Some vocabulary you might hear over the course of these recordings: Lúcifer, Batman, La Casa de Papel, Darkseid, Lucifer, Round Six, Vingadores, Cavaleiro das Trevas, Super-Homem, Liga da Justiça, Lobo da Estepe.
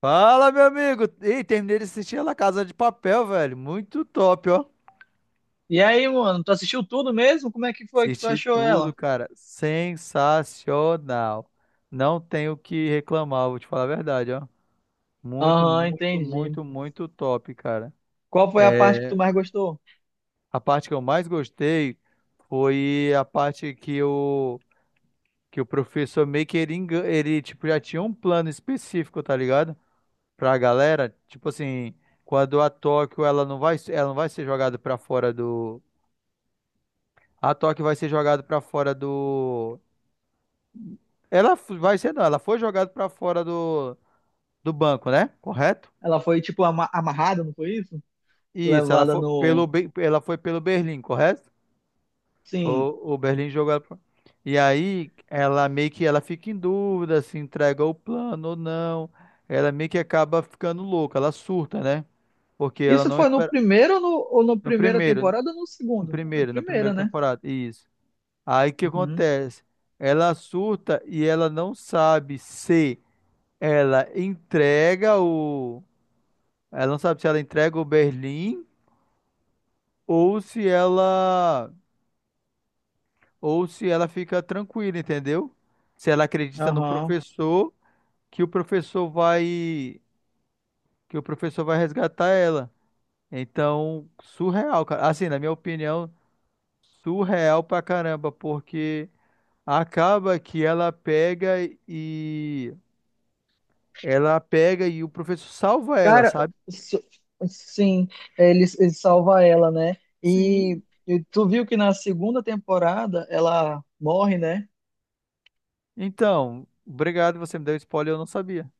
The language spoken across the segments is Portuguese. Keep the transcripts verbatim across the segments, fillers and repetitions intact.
Fala, meu amigo! Ei, terminei de assistir a La Casa de Papel, velho. Muito top, ó. E aí, mano, tu assistiu tudo mesmo? Como é que foi que tu Assisti achou tudo, ela? cara. Sensacional. Não tenho o que reclamar, vou te falar a verdade, ó. Muito, Aham, muito, entendi. muito, muito top, cara. Qual foi a parte que É, tu mais gostou? a parte que eu mais gostei foi a parte que o, que o professor meio que ele, engan- ele, tipo, já tinha um plano específico, tá ligado? Pra galera, tipo assim, quando a Tóquio, ela não vai, ela não vai ser jogada pra fora do. A Tóquio vai ser jogada pra fora do. Ela f- vai ser, não, ela foi jogada pra fora do, do banco, né? Correto? Ela foi, tipo, ama- amarrada, não foi isso? Isso, ela Levada foi no. pelo, Be- ela foi pelo Berlim, correto? Sim. O, o Berlim jogou ela pra... E aí, ela meio que ela fica em dúvida se entrega o plano ou não. Ela meio que acaba ficando louca, ela surta, né? Porque ela Isso não foi no espera. primeiro ou no, ou no No primeira primeiro, temporada ou no no segundo? No primeiro, na primeiro, primeira né? temporada, isso. Aí o que Uhum. acontece? Ela surta e ela não sabe se. Ela entrega o. Ela não sabe se ela entrega o Berlim ou se ela. Ou se ela fica tranquila, entendeu? Se ela acredita no Aham. professor, que o professor vai. Que o professor vai resgatar ela. Então, surreal, cara. Assim, na minha opinião, surreal pra caramba, porque acaba que ela pega e. Ela pega e o professor salva ela, Cara, sabe? s- sim, ele, ele salva ela, né? E, Sim. e tu viu que na segunda temporada ela morre, né? Então, obrigado, você me deu spoiler, eu não sabia.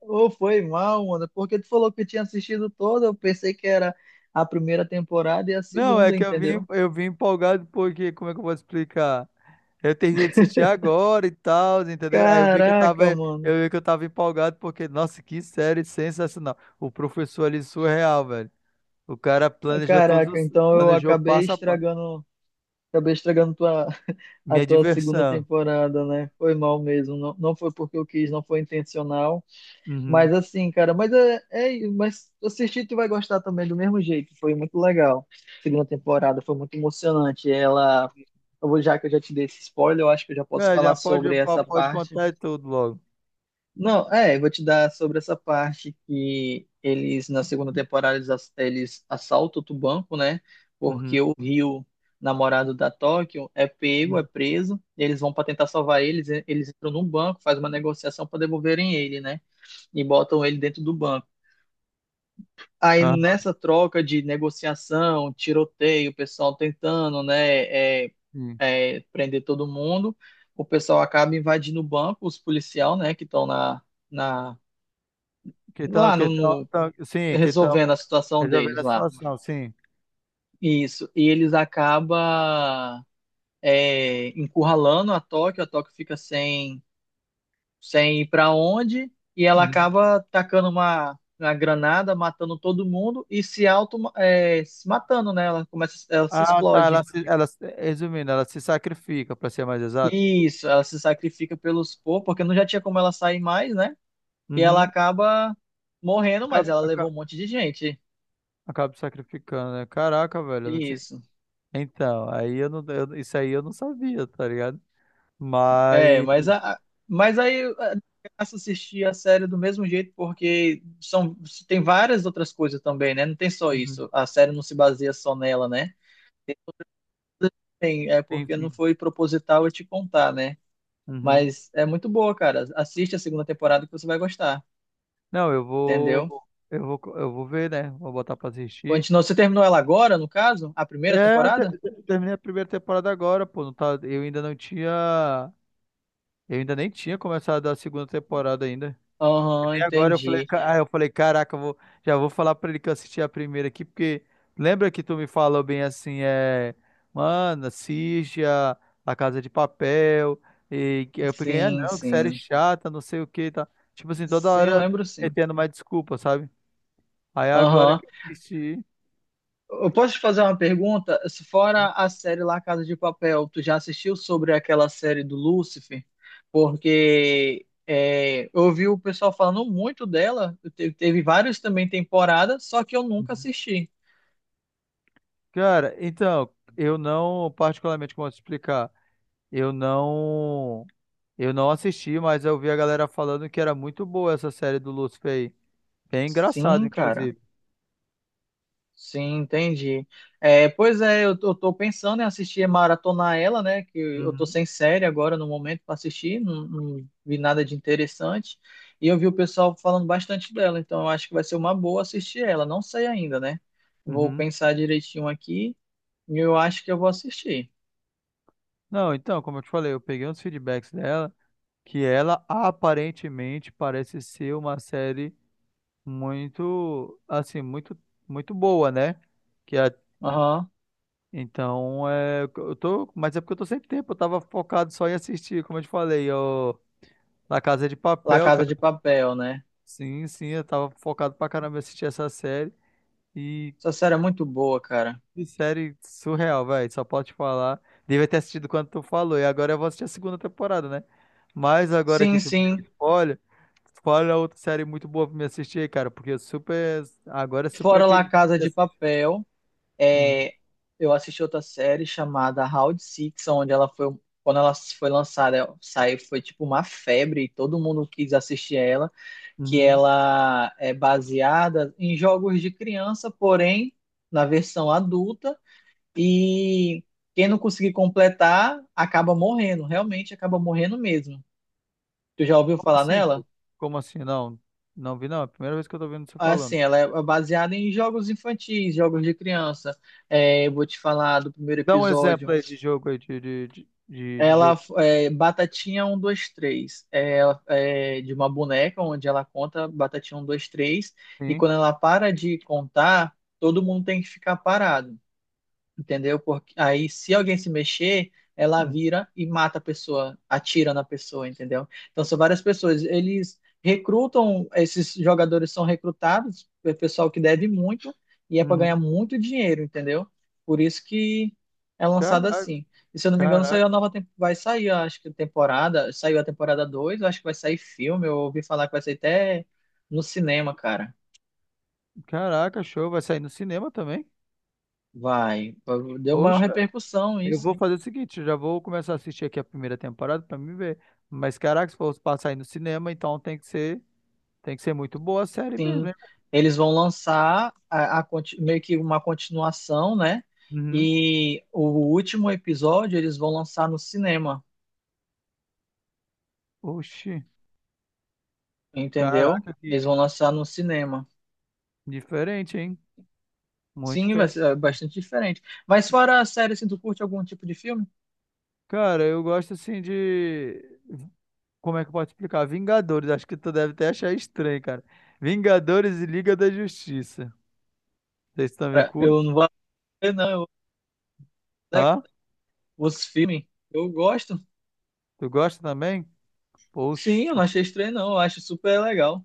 Ô, foi mal, mano. Porque tu falou que tinha assistido toda, eu pensei que era a primeira temporada e a Não, é segunda, que eu vim, entendeu? eu vim empolgado porque, como é que eu vou explicar? Eu terminei de assistir agora e tal, entendeu? Aí eu vi que eu tava, Caraca, mano. eu vi que eu tava empolgado porque, nossa, que série sensacional. O professor ali surreal, velho. O cara planejou todos Caraca, os, então eu planejou acabei passo a passo. estragando, acabei estragando tua, a Minha tua segunda diversão. temporada, né? Foi mal mesmo. Não, não foi porque eu quis, não foi intencional. Uhum. Mas assim, cara, mas é, é, mas assistir tu vai gostar também do mesmo jeito. Foi muito legal. Segunda temporada foi muito emocionante. Ela, eu vou- já que eu já te dei esse spoiler, eu acho que eu já posso É, falar já pode, sobre essa pode parte. contar tudo logo. Não, é, eu vou te dar sobre essa parte que eles, na segunda temporada, eles, ass- eles assaltam outro banco, né? Uhum. Porque o Rio, namorado da Tóquio, é pego, é Uhum. preso, e eles vão para tentar salvar eles, e- eles entram num banco, faz uma negociação para devolverem ele, né? E botam ele dentro do banco. Aí Aham, nessa troca de negociação, tiroteio, o pessoal tentando, né, é, sim. é, prender todo mundo, o pessoal acaba invadindo o banco, os policial, né, que estão na. Na Que tal, lá que no, tal, no- tal- sim, Que tal resolvendo a situação resolver deles a lá. situação, sim. Isso. E eles acabam é, encurralando a Tóquio, a Tóquio fica sem, sem ir para onde, e ela Uhum. acaba tacando uma, uma granada, matando todo mundo e se auto é, se matando, né? Ela começa, ela se Ah, tá. Ela, explode. se, ela, se- Resumindo, ela se sacrifica, pra ser mais exato. Isso, ela se sacrifica pelos Po, porque não já tinha como ela sair mais, né? E ela Uhum. acaba morrendo, mas Acaba, ela levou acaba, um monte de gente. acaba se sacrificando, né? Caraca, velho, eu não tinha. Isso. Então, aí eu não, eu- isso aí eu não sabia, tá ligado? É, Mas. mas, a, mas aí a graça assistir a série do mesmo jeito, porque são, tem várias outras coisas também, né? Não tem só Uhum. isso. A série não se baseia só nela, né? Tem, é Sim, porque não sim. foi proposital eu te contar, né? Uhum. Mas é muito boa, cara. Assiste a segunda temporada que você vai gostar, Não, eu vou, entendeu? eu vou, eu vou ver, né? Vou botar pra assistir. Continua. Você terminou ela agora, no caso? A primeira É, eu temporada? te- te- terminei a primeira temporada agora, pô. Não tá, eu ainda não tinha, eu ainda nem tinha começado a segunda temporada ainda. Aham, E agora eu falei, entendi. ca- ah, eu falei, caraca, eu vou, já vou falar pra ele que eu assisti a primeira aqui, porque lembra que tu me falou bem assim, é, mano, assiste a, a Casa de Papel, e que eu peguei, ah, Sim, não, que série sim. chata, não sei o que, tá. Tipo assim, toda Sim, eu hora lembro sim. metendo mais desculpa, sabe? Aí agora Aham. que eu assisti, Eu posso te fazer uma pergunta? Se fora a série lá Casa de Papel, tu já assistiu sobre aquela série do Lúcifer? Porque é, eu ouvi o pessoal falando muito dela, te- teve várias também temporadas, só que eu nunca uhum. assisti. Cara, então, eu não, particularmente, como eu te explicar, eu não, eu não assisti, mas eu vi a galera falando que era muito boa essa série do Lucifer aí. Bem engraçado, Sim, cara. inclusive. Sim, entendi. É, pois é, eu, eu tô pensando em assistir, é, maratonar ela, né? Que eu tô Uhum, sem série agora no momento para assistir, não, não vi nada de interessante. E eu vi o pessoal falando bastante dela, então eu acho que vai ser uma boa assistir ela. Não sei ainda, né? Vou uhum. pensar direitinho aqui e eu acho que eu vou assistir. Não, então, como eu te falei, eu peguei uns feedbacks dela, que ela aparentemente parece ser uma série muito, assim, muito, muito boa, né? Que a- Aham. então, é, eu tô, mas é porque eu tô sem tempo, eu tava focado só em assistir, como eu te falei, eu, La Casa de La Papel, Casa cara. de Papel, né? Sim, sim, eu tava focado pra caramba em assistir essa série. E Essa série é muito boa, cara. que série surreal, velho. Só posso te falar. Devia ter assistido quando tu falou. E agora eu vou assistir a segunda temporada, né? Mas agora que Sim, tu me deu sim. spoiler, spoiler é outra série muito boa pra me assistir, aí, cara. Porque eu super. Agora eu super Fora La acredito que Casa você de assiste. Papel. Uhum, É, eu assisti outra série chamada Round Six, onde ela foi, quando ela foi lançada, saiu, foi tipo uma febre e todo mundo quis assistir ela, que uhum. ela é baseada em jogos de criança, porém na versão adulta, e quem não conseguir completar acaba morrendo, realmente acaba morrendo mesmo. Tu já ouviu Como falar assim, pô? nela? Como assim? Não. Não vi, não. É a primeira vez que eu tô vendo você Assim, falando. ela é baseada em jogos infantis, jogos de criança. É, eu vou te falar do primeiro Dá um exemplo episódio. aí de jogo aí, de, de, de, de- de Ela jogo. é Batatinha um dois três. É, ela- é de uma boneca onde ela conta Batatinha um dois três. E Sim. quando ela para de contar, todo mundo tem que ficar parado, entendeu? Porque aí, se alguém se mexer, ela vira e mata a pessoa, atira na pessoa, entendeu? Então, são várias pessoas. Eles recrutam, esses jogadores são recrutados, é pessoal que deve muito, e é para ganhar Uhum. muito dinheiro, entendeu? Por isso que é lançado Caraca, assim. E se eu não me engano, saiu caraca, a nova, tem- vai sair, eu acho que temporada, saiu a temporada dois, eu acho que vai sair filme, eu ouvi falar que vai sair até no cinema, cara. caraca, show. Vai sair no cinema também? Vai, deu maior Poxa. repercussão Eu isso. vou fazer o seguinte, eu já vou começar a assistir aqui a primeira temporada pra me ver. Mas caraca, se for passar aí no cinema, então tem que ser, tem que ser muito boa a série mesmo, Sim, hein? eles vão lançar a, a conti- meio que uma continuação, né? Uhum. E o último episódio eles vão lançar no cinema, Oxi, entendeu? caraca, Eles que vão lançar no cinema. diferente, hein? Muito Sim, vai diferente ser é mesmo. bastante diferente. Mas fora a série, assim, tu curte algum tipo de filme? Cara, eu gosto assim de, como é que eu posso explicar? Vingadores, acho que tu deve até achar estranho, cara. Vingadores e Liga da Justiça. Vocês também Cara, eu curtem? não vou ver, não. Eu, Hã? os filmes, eu gosto. Tu gosta também? Sim, eu Poxa, não achei estranho, não. Eu acho super legal.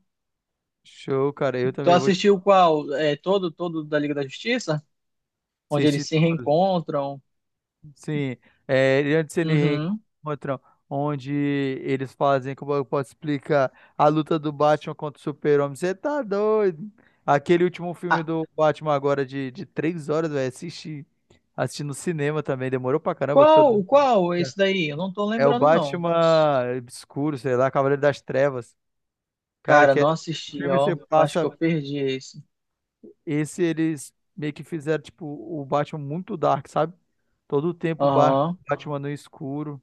show, cara. Eu Tu também vou te assistiu qual? É, todo, todo da Liga da Justiça? Onde eles assistir se tudo. reencontram? Sim, é, ele- antes eles Uhum. encontram onde eles fazem, como eu posso explicar, a luta do Batman contra o Super-Homem. Você tá doido? Aquele último filme do Batman agora de, de três horas, velho, assisti, assisti no cinema também, demorou pra caramba. Que todo Qual, mundo... qual é esse daí? Eu não tô É o lembrando, não. Batman Obscuro, sei lá, Cavaleiro das Trevas. Cara, Cara, que é... não o assisti, filme você ó. Eu acho que passa, eu perdi esse. esse eles meio que fizeram, tipo, o Batman muito dark, sabe? Todo o tempo o Bar- Aham, Batman no escuro.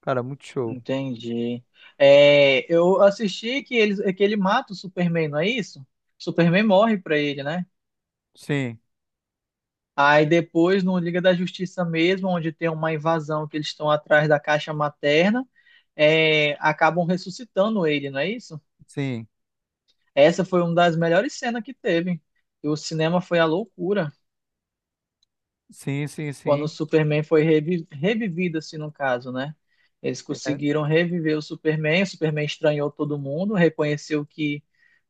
Cara, muito show. entendi. É, eu assisti que ele, que ele mata o Superman, não é isso? O Superman morre pra ele, né? Sim, Aí depois, no Liga da Justiça mesmo, onde tem uma invasão que eles estão atrás da caixa materna, é, acabam ressuscitando ele, não é isso? sim, Essa foi uma das melhores cenas que teve. E o cinema foi a loucura. sim, sim, Quando o sim. Superman foi revi- revivido, assim, no caso, né? Eles É. conseguiram reviver o Superman, o Superman estranhou todo mundo, reconheceu que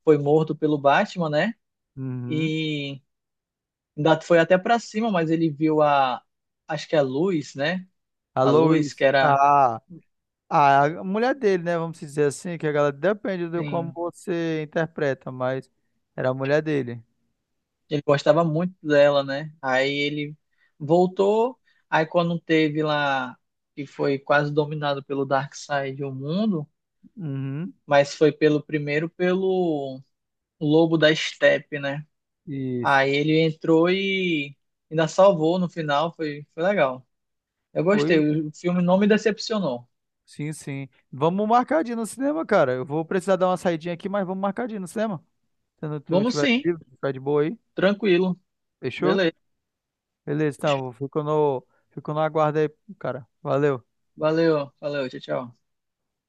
foi morto pelo Batman, né? Uhum. E ainda foi até pra cima, mas ele viu a, acho que a luz, né? A A luz que Lois, era, a, a, A mulher dele, né? Vamos dizer assim, que a galera depende de como assim, você interpreta, mas era a mulher dele. ele gostava muito dela, né? Aí ele voltou, aí quando teve lá, que foi quase dominado pelo Darkseid o mundo, Uhum. mas foi pelo primeiro pelo Lobo da Estepe, né? Isso. Aí ele entrou e ainda salvou no final, foi, foi legal. Eu gostei, Pois, o filme não me decepcionou. sim, sim. Vamos marcar de ir no cinema, cara. Eu vou precisar dar uma saidinha aqui, mas vamos marcar de ir no cinema. Se não tu Vamos tiver sim, livre, tiver de boa aí. tranquilo. Fechou? Beleza. Beleza, então, fico no, fico no aguardo aí, cara. Valeu. Valeu, valeu, tchau, tchau.